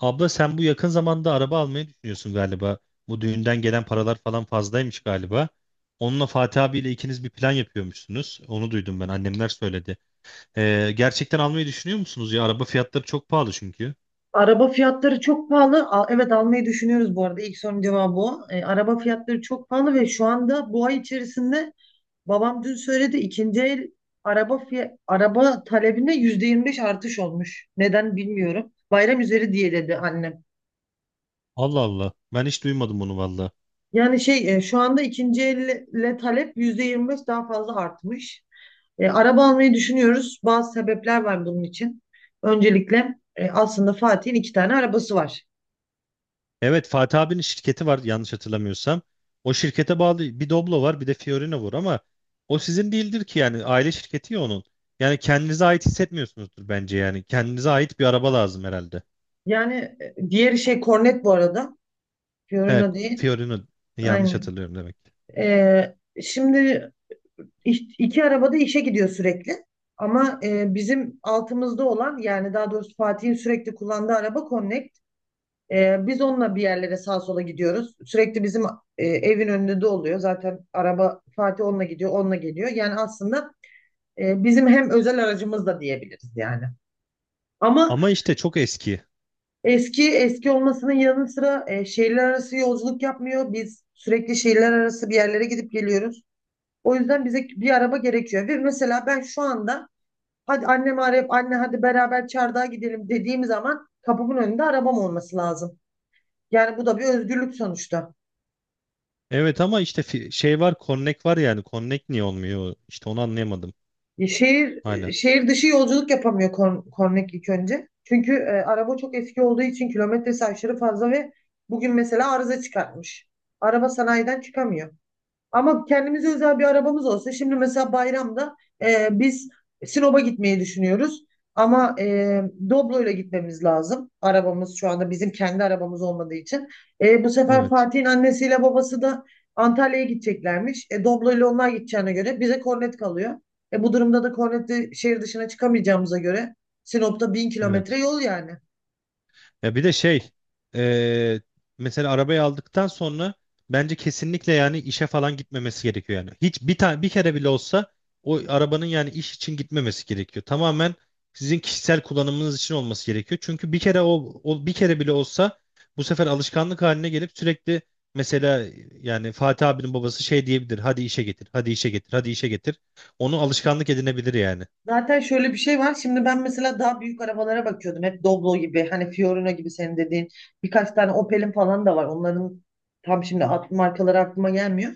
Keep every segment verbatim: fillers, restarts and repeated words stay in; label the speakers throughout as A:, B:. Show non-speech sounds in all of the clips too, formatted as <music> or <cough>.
A: Abla sen bu yakın zamanda araba almayı düşünüyorsun galiba. Bu düğünden gelen paralar falan fazlaymış galiba. Onunla Fatih abiyle ikiniz bir plan yapıyormuşsunuz. Onu duydum ben. Annemler söyledi. Ee, gerçekten almayı düşünüyor musunuz ya? Araba fiyatları çok pahalı çünkü.
B: Araba fiyatları çok pahalı. Al- Evet almayı düşünüyoruz bu arada. İlk sorunun cevabı o. E, araba fiyatları çok pahalı ve şu anda bu ay içerisinde babam dün söyledi ikinci el araba fiy- araba talebinde yüzde yirmi beş artış olmuş. Neden bilmiyorum. Bayram üzeri diye dedi annem.
A: Allah Allah. Ben hiç duymadım onu valla.
B: Yani şey e, şu anda ikinci elle talep yüzde yirmi beş daha fazla artmış. E, araba almayı düşünüyoruz. Bazı sebepler var bunun için. Öncelikle e, aslında Fatih'in iki tane arabası var.
A: Evet, Fatih abinin şirketi var yanlış hatırlamıyorsam. O şirkete bağlı bir Doblo var bir de Fiorino var ama o sizin değildir ki yani aile şirketi ya onun. Yani kendinize ait hissetmiyorsunuzdur bence yani. Kendinize ait bir araba lazım herhalde.
B: Yani e, diğeri şey Cornet bu arada.
A: Evet,
B: Fiorino değil.
A: Fiorino yanlış
B: Aynen.
A: hatırlıyorum demek ki.
B: Ee, şimdi iş- iki arabada işe gidiyor sürekli. Ama e, bizim altımızda olan yani daha doğrusu Fatih'in sürekli kullandığı araba Connect. Ee, biz onunla bir yerlere sağa sola gidiyoruz. Sürekli bizim e, evin önünde de oluyor. Zaten araba Fatih onunla gidiyor, onunla geliyor. Yani aslında e, bizim hem özel aracımız da diyebiliriz yani. Ama
A: Ama işte çok eski.
B: eski eski olmasının yanı sıra e, şehirler arası yolculuk yapmıyor. Biz sürekli şehirler arası bir yerlere gidip geliyoruz. O yüzden bize bir araba gerekiyor. Ve mesela ben şu anda hadi annemi arayıp anne hadi beraber çardağa gidelim dediğim zaman kapımın önünde arabam olması lazım. Yani bu da bir özgürlük sonuçta.
A: Evet ama işte fi- şey var, Connect var yani. Connect niye olmuyor? İşte onu anlayamadım
B: E, Şehir e,
A: hala.
B: şehir dışı yolculuk yapamıyor Korn- Kornek ilk önce. Çünkü e, araba çok eski olduğu için kilometresi aşırı fazla ve bugün mesela arıza çıkartmış. Araba sanayiden çıkamıyor. Ama kendimize özel bir arabamız olsa şimdi mesela bayramda e, biz Sinop'a gitmeyi düşünüyoruz. Ama e, Doblo'yla gitmemiz lazım. Arabamız şu anda bizim kendi arabamız olmadığı için. E, bu sefer
A: Evet.
B: Fatih'in annesiyle babası da Antalya'ya gideceklermiş. E, Doblo'yla onlar gideceğine göre bize kornet kalıyor. E, bu durumda da kornetli şehir dışına çıkamayacağımıza göre Sinop'ta bin kilometre
A: Evet.
B: yol yani.
A: Ya bir de şey, eee, mesela arabayı aldıktan sonra bence kesinlikle yani işe falan gitmemesi gerekiyor yani. Hiç bir tane bir kere bile olsa o arabanın yani iş için gitmemesi gerekiyor. Tamamen sizin kişisel kullanımınız için olması gerekiyor. Çünkü bir kere o, o bir kere bile olsa bu sefer alışkanlık haline gelip sürekli, mesela yani Fatih abinin babası şey diyebilir. Hadi işe getir, hadi işe getir, hadi işe getir. Onu alışkanlık edinebilir yani.
B: Zaten şöyle bir şey var. Şimdi ben mesela daha büyük arabalara bakıyordum. Hep Doblo gibi, hani Fiorino gibi senin dediğin. Birkaç tane Opel'in falan da var. Onların tam şimdi ad, markaları aklıma gelmiyor.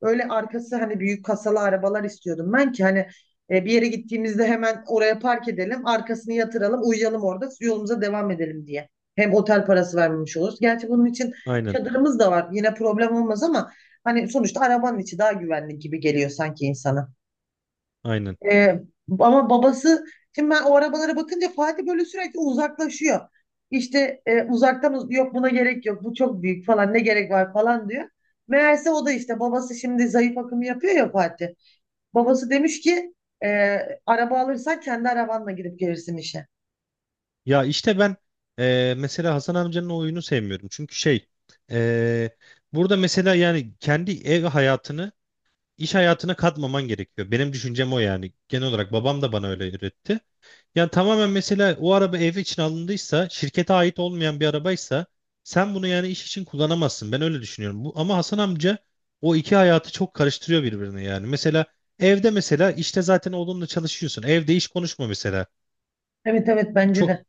B: Öyle arkası hani büyük kasalı arabalar istiyordum ben ki hani e, bir yere gittiğimizde hemen oraya park edelim, arkasını yatıralım, uyuyalım orada, yolumuza devam edelim diye. Hem otel parası vermemiş oluruz. Gerçi bunun için
A: Aynen,
B: çadırımız da var. Yine problem olmaz ama hani sonuçta arabanın içi daha güvenli gibi geliyor sanki insana.
A: aynen.
B: Ee, ama babası şimdi ben o arabalara bakınca Fatih böyle sürekli uzaklaşıyor. İşte, e, uzaktan uz- yok buna gerek yok, bu çok büyük falan ne gerek var falan diyor. Meğerse o da işte babası şimdi zayıf akımı yapıyor ya Fatih. Babası demiş ki e, araba alırsan kendi arabanla gidip gelirsin işe.
A: Ya işte ben, eee, mesela Hasan amcanın o oyunu sevmiyorum. Çünkü şey, eee, burada mesela yani kendi ev hayatını iş hayatına katmaman gerekiyor. Benim düşüncem o yani. Genel olarak babam da bana öyle öğretti. Yani tamamen mesela o araba ev için alındıysa, şirkete ait olmayan bir arabaysa sen bunu yani iş için kullanamazsın. Ben öyle düşünüyorum. Bu, ama Hasan amca o iki hayatı çok karıştırıyor birbirine yani. Mesela evde mesela işte zaten oğlunla çalışıyorsun. Evde iş konuşma mesela.
B: Evet evet bence
A: Çok
B: de.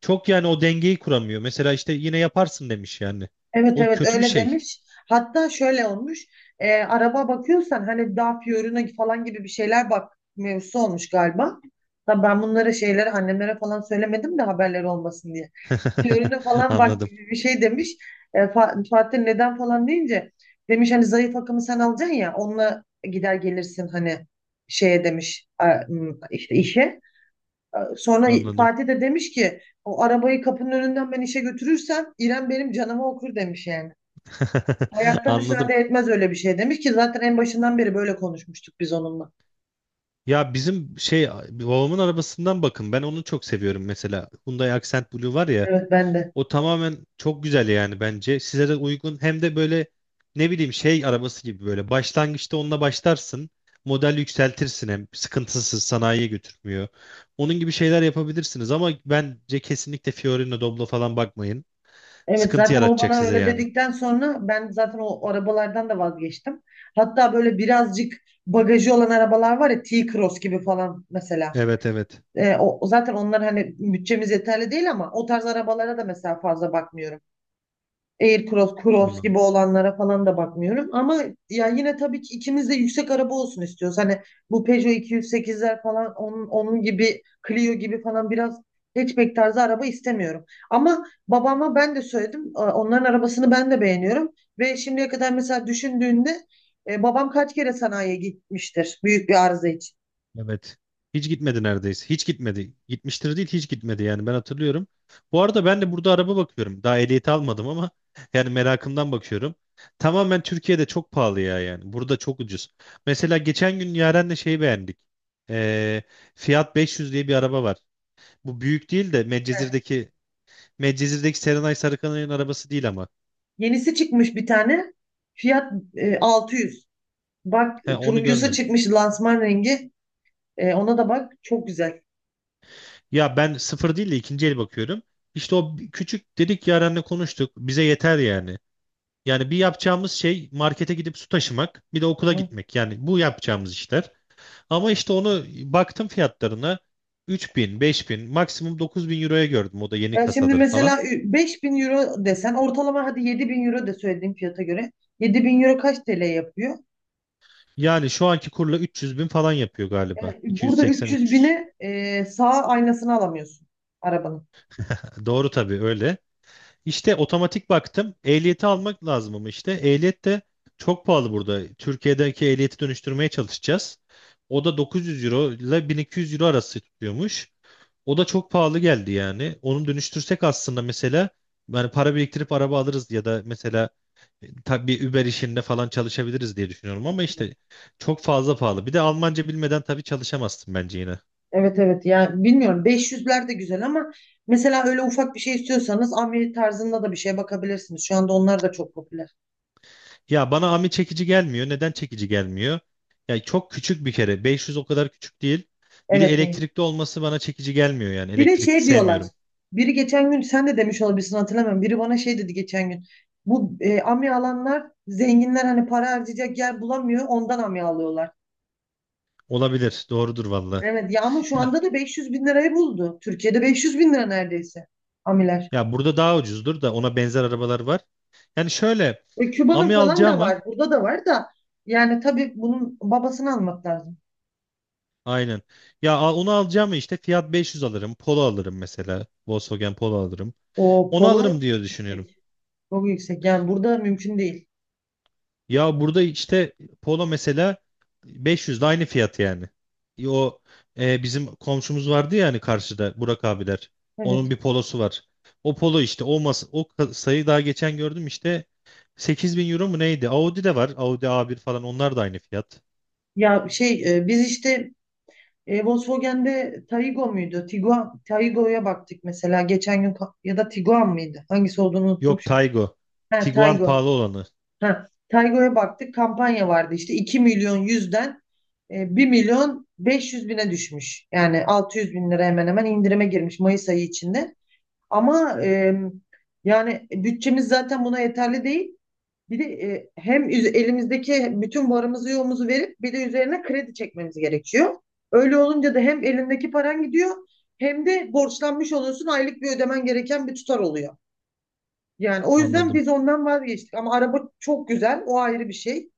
A: çok yani o dengeyi kuramıyor. Mesela işte yine yaparsın demiş yani.
B: Evet
A: O
B: evet
A: kötü bir
B: öyle
A: şey.
B: demiş. Hatta şöyle olmuş. E, araba bakıyorsan hani Dacia Fiorino falan gibi bir şeyler bak mevzusu olmuş galiba. Tabii ben bunlara şeyleri annemlere falan söylemedim de haberleri olmasın diye. Fiorino
A: <laughs>
B: falan bak
A: Anladım,
B: gibi bir şey demiş. E, Fa- Fatih neden falan deyince demiş hani zayıf akımı sen alacaksın ya onunla gider gelirsin hani şeye demiş a- m, işte işe. A- Sonra
A: anladım.
B: Fatih de demiş ki o arabayı kapının önünden ben işe götürürsem İrem benim canımı okur demiş yani.
A: <laughs>
B: Hayatta
A: Anladım.
B: müsaade etmez öyle bir şey demiş ki zaten en başından beri böyle konuşmuştuk biz onunla.
A: Ya bizim şey babamın arabasından bakın. Ben onu çok seviyorum mesela. Hyundai Accent Blue var ya.
B: Evet ben de.
A: O tamamen çok güzel yani bence. Size de uygun. Hem de böyle, ne bileyim, şey arabası gibi böyle. Başlangıçta onunla başlarsın. Model yükseltirsin, hem sıkıntısız, sanayiye götürmüyor. Onun gibi şeyler yapabilirsiniz ama bence kesinlikle Fiorino, Doblo falan bakmayın.
B: Evet
A: Sıkıntı
B: zaten o
A: yaratacak
B: bana
A: size
B: öyle
A: yani.
B: dedikten sonra ben zaten o arabalardan da vazgeçtim. Hatta böyle birazcık bagajı olan arabalar var ya T-Cross gibi falan mesela.
A: Evet, evet.
B: Ee, o, zaten onlar hani bütçemiz yeterli değil ama o tarz arabalara da mesela fazla bakmıyorum. Aircross, Cross
A: Anladım.
B: gibi olanlara falan da bakmıyorum. Ama ya yine tabii ki ikimiz de yüksek araba olsun istiyoruz. Hani bu Peugeot iki yüz sekizler falan onun, onun gibi Clio gibi falan biraz hatchback tarzı araba istemiyorum. Ama babama ben de söyledim. e, Onların arabasını ben de beğeniyorum. Ve şimdiye kadar mesela düşündüğünde e, babam kaç kere sanayiye gitmiştir büyük bir arıza için.
A: Evet. Hiç gitmedi neredeyse. Hiç gitmedi. Gitmiştir değil, hiç gitmedi yani, ben hatırlıyorum. Bu arada ben de burada araba bakıyorum. Daha ehliyeti almadım ama <laughs> yani merakımdan bakıyorum. Tamamen Türkiye'de çok pahalı ya yani. Burada çok ucuz. Mesela geçen gün Yaren'le şeyi beğendik. Ee, Fiat beş yüz diye bir araba var. Bu büyük değil de
B: Evet.
A: Medcezir'deki Medcezir'deki Serenay Sarıkanay'ın arabası değil ama.
B: Yenisi çıkmış bir tane. Fiyat e, altı yüz. Bak
A: He, onu
B: turuncusu
A: görmedim.
B: çıkmış lansman rengi. E, ona da bak, çok güzel.
A: Ya ben sıfır değil de ikinci el bakıyorum. İşte o bi- küçük dedik, Yaren'le konuştuk. Bize yeter yani. Yani bir yapacağımız şey markete gidip su taşımak, bir de okula
B: Hı.
A: gitmek. Yani bu yapacağımız işler. Ama işte onu baktım fiyatlarına, üç bin, bin, maksimum dokuz bin euroya gördüm. O da yeni
B: Ya şimdi
A: kasaları falan.
B: mesela ü- beş bin euro desen ortalama, hadi yedi bin euro de, söylediğim fiyata göre yedi bin euro kaç T L yapıyor?
A: Yani şu anki kurla üç yüz bin falan yapıyor galiba.
B: Yani burada 300
A: iki yüz seksen üç yüz.
B: bine e, sağ aynasını alamıyorsun arabanın.
A: Doğru tabii, öyle. İşte otomatik baktım. Ehliyeti almak lazım ama işte ehliyet de çok pahalı burada. Türkiye'deki ehliyeti dönüştürmeye çalışacağız. O da dokuz yüz euro ile bin iki yüz euro arası tutuyormuş. O da çok pahalı geldi yani. Onu dönüştürsek aslında mesela, yani para biriktirip araba alırız ya da mesela, tabii Uber işinde falan çalışabiliriz diye düşünüyorum ama işte çok fazla pahalı. Bir de Almanca bilmeden tabii çalışamazsın bence yine.
B: Evet evet, yani bilmiyorum, beş yüzler de güzel ama mesela öyle ufak bir şey istiyorsanız amiri tarzında da bir şeye bakabilirsiniz. Şu anda onlar da çok popüler.
A: Ya bana Ami çekici gelmiyor. Neden çekici gelmiyor? Ya çok küçük bir kere. beş yüz o kadar küçük değil. Bir de
B: Evet.
A: elektrikli olması bana çekici gelmiyor yani.
B: Bir de
A: Elektrikli
B: şey diyorlar.
A: sevmiyorum.
B: Biri geçen gün sen de demiş olabilirsin, hatırlamıyorum. Biri bana şey dedi geçen gün. Bu e, amya alanlar zenginler, hani para harcayacak yer bulamıyor, ondan amya alıyorlar.
A: Olabilir. Doğrudur valla.
B: Evet ya, ama şu
A: Ya,
B: anda da beş yüz bin lirayı buldu. Türkiye'de beş yüz bin lira neredeyse amiler.
A: ya burada daha ucuzdur da ona benzer arabalar var. Yani şöyle,
B: E, Küba'nın
A: Ami
B: falan
A: alacağım
B: da
A: mı?
B: var. Burada da var da yani tabii bunun babasını almak lazım.
A: Aynen. Ya al- onu alacağım işte. Fiat beş yüz alırım. Polo alırım mesela. Volkswagen Polo alırım.
B: O
A: Onu
B: polo çok
A: alırım diye düşünüyorum.
B: yüksek. Çok yüksek. Yani burada mümkün değil.
A: Ya burada işte Polo mesela, beş yüz de aynı fiyat yani. E O e, Bizim komşumuz vardı ya hani, karşıda Burak abiler. Onun
B: Evet.
A: bir polosu var. O polo işte, o mas o ka- sayı daha geçen gördüm işte, sekiz bin euro mu neydi? Audi de var. Audi a bir falan, onlar da aynı fiyat.
B: Ya şey e, biz işte, E, Volkswagen'de Taygo muydu? Tiguan, Taygo'ya baktık mesela geçen gün, ka- ya da Tiguan mıydı? Hangisi olduğunu unuttum
A: Yok,
B: şu an.
A: Taygo.
B: Ha,
A: Tiguan
B: Taygo.
A: pahalı olanı.
B: Ha, Taygo'ya baktık, kampanya vardı işte iki milyon yüzden e, bir milyon beş yüz bine düşmüş. Yani altı yüz bin lira hemen hemen indirime girmiş Mayıs ayı içinde. Ama e, yani bütçemiz zaten buna yeterli değil. Bir de e, hem üz- elimizdeki bütün varımızı yoğumuzu verip bir de üzerine kredi çekmemiz gerekiyor. Öyle olunca da hem elindeki paran gidiyor, hem de borçlanmış oluyorsun, aylık bir ödemen gereken bir tutar oluyor. Yani o yüzden
A: Anladım.
B: biz ondan vazgeçtik ama araba çok güzel, o ayrı bir şey.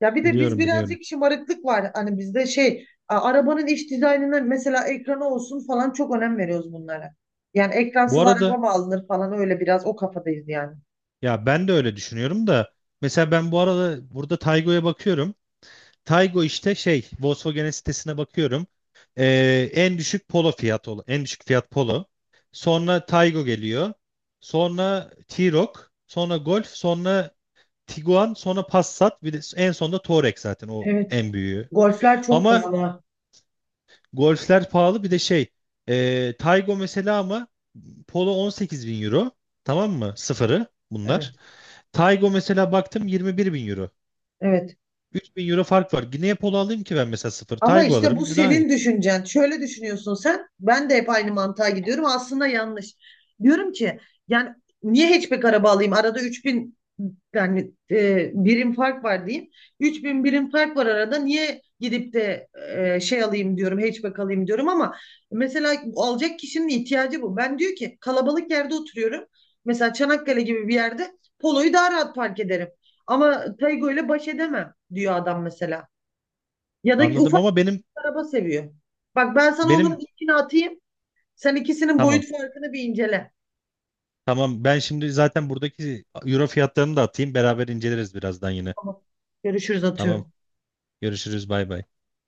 B: Ya bir de biz
A: Biliyorum, biliyorum.
B: birazcık şımarıklık var, hani bizde şey a- arabanın iç dizaynına mesela ekranı olsun falan çok önem veriyoruz bunlara. Yani
A: Bu
B: ekransız araba
A: arada,
B: mı alınır falan, öyle biraz o kafadayız yani.
A: ya ben de öyle düşünüyorum da, mesela ben bu arada burada Taygo'ya bakıyorum. Taygo işte, şey, Volkswagen sitesine bakıyorum. Ee, en düşük Polo fiyat ol- en düşük fiyat Polo. Sonra Taygo geliyor. Sonra T-Roc, sonra Golf, sonra Tiguan, sonra Passat, bir de en sonunda Touareg, zaten o
B: Evet.
A: en büyüğü.
B: Golfler çok
A: Ama
B: pahalı.
A: Golf'ler pahalı. Bir de şey, e, Taygo mesela, ama Polo on sekiz bin euro, tamam mı? Sıfırı bunlar.
B: Evet.
A: Taygo mesela baktım yirmi bir bin euro.
B: Evet.
A: üç bin euro fark var. Niye Polo alayım ki ben mesela sıfır?
B: Ama
A: Taygo
B: işte bu
A: alırım daha iyi.
B: senin düşüncen. Şöyle düşünüyorsun sen. Ben de hep aynı mantığa gidiyorum. Aslında yanlış. Diyorum ki yani niye hatchback araba alayım? Arada üç bin, yani e, birim fark var diyeyim. üç bin birim fark var arada. Niye gidip de e, şey alayım diyorum, hatchback alayım diyorum, ama mesela alacak kişinin ihtiyacı bu. Ben diyor ki kalabalık yerde oturuyorum. Mesela Çanakkale gibi bir yerde Polo'yu daha rahat park ederim. Ama Taygo ile baş edemem diyor adam mesela. Ya da
A: Anladım
B: ufak
A: ama benim
B: araba seviyor. Bak, ben sana onların
A: benim
B: linkini atayım. Sen ikisinin
A: tamam.
B: boyut farkını bir incele.
A: Tamam, ben şimdi zaten buradaki euro fiyatlarını da atayım. Beraber inceleriz birazdan yine.
B: Tamam. Görüşürüz, atıyorum.
A: Tamam. Görüşürüz, bay bay.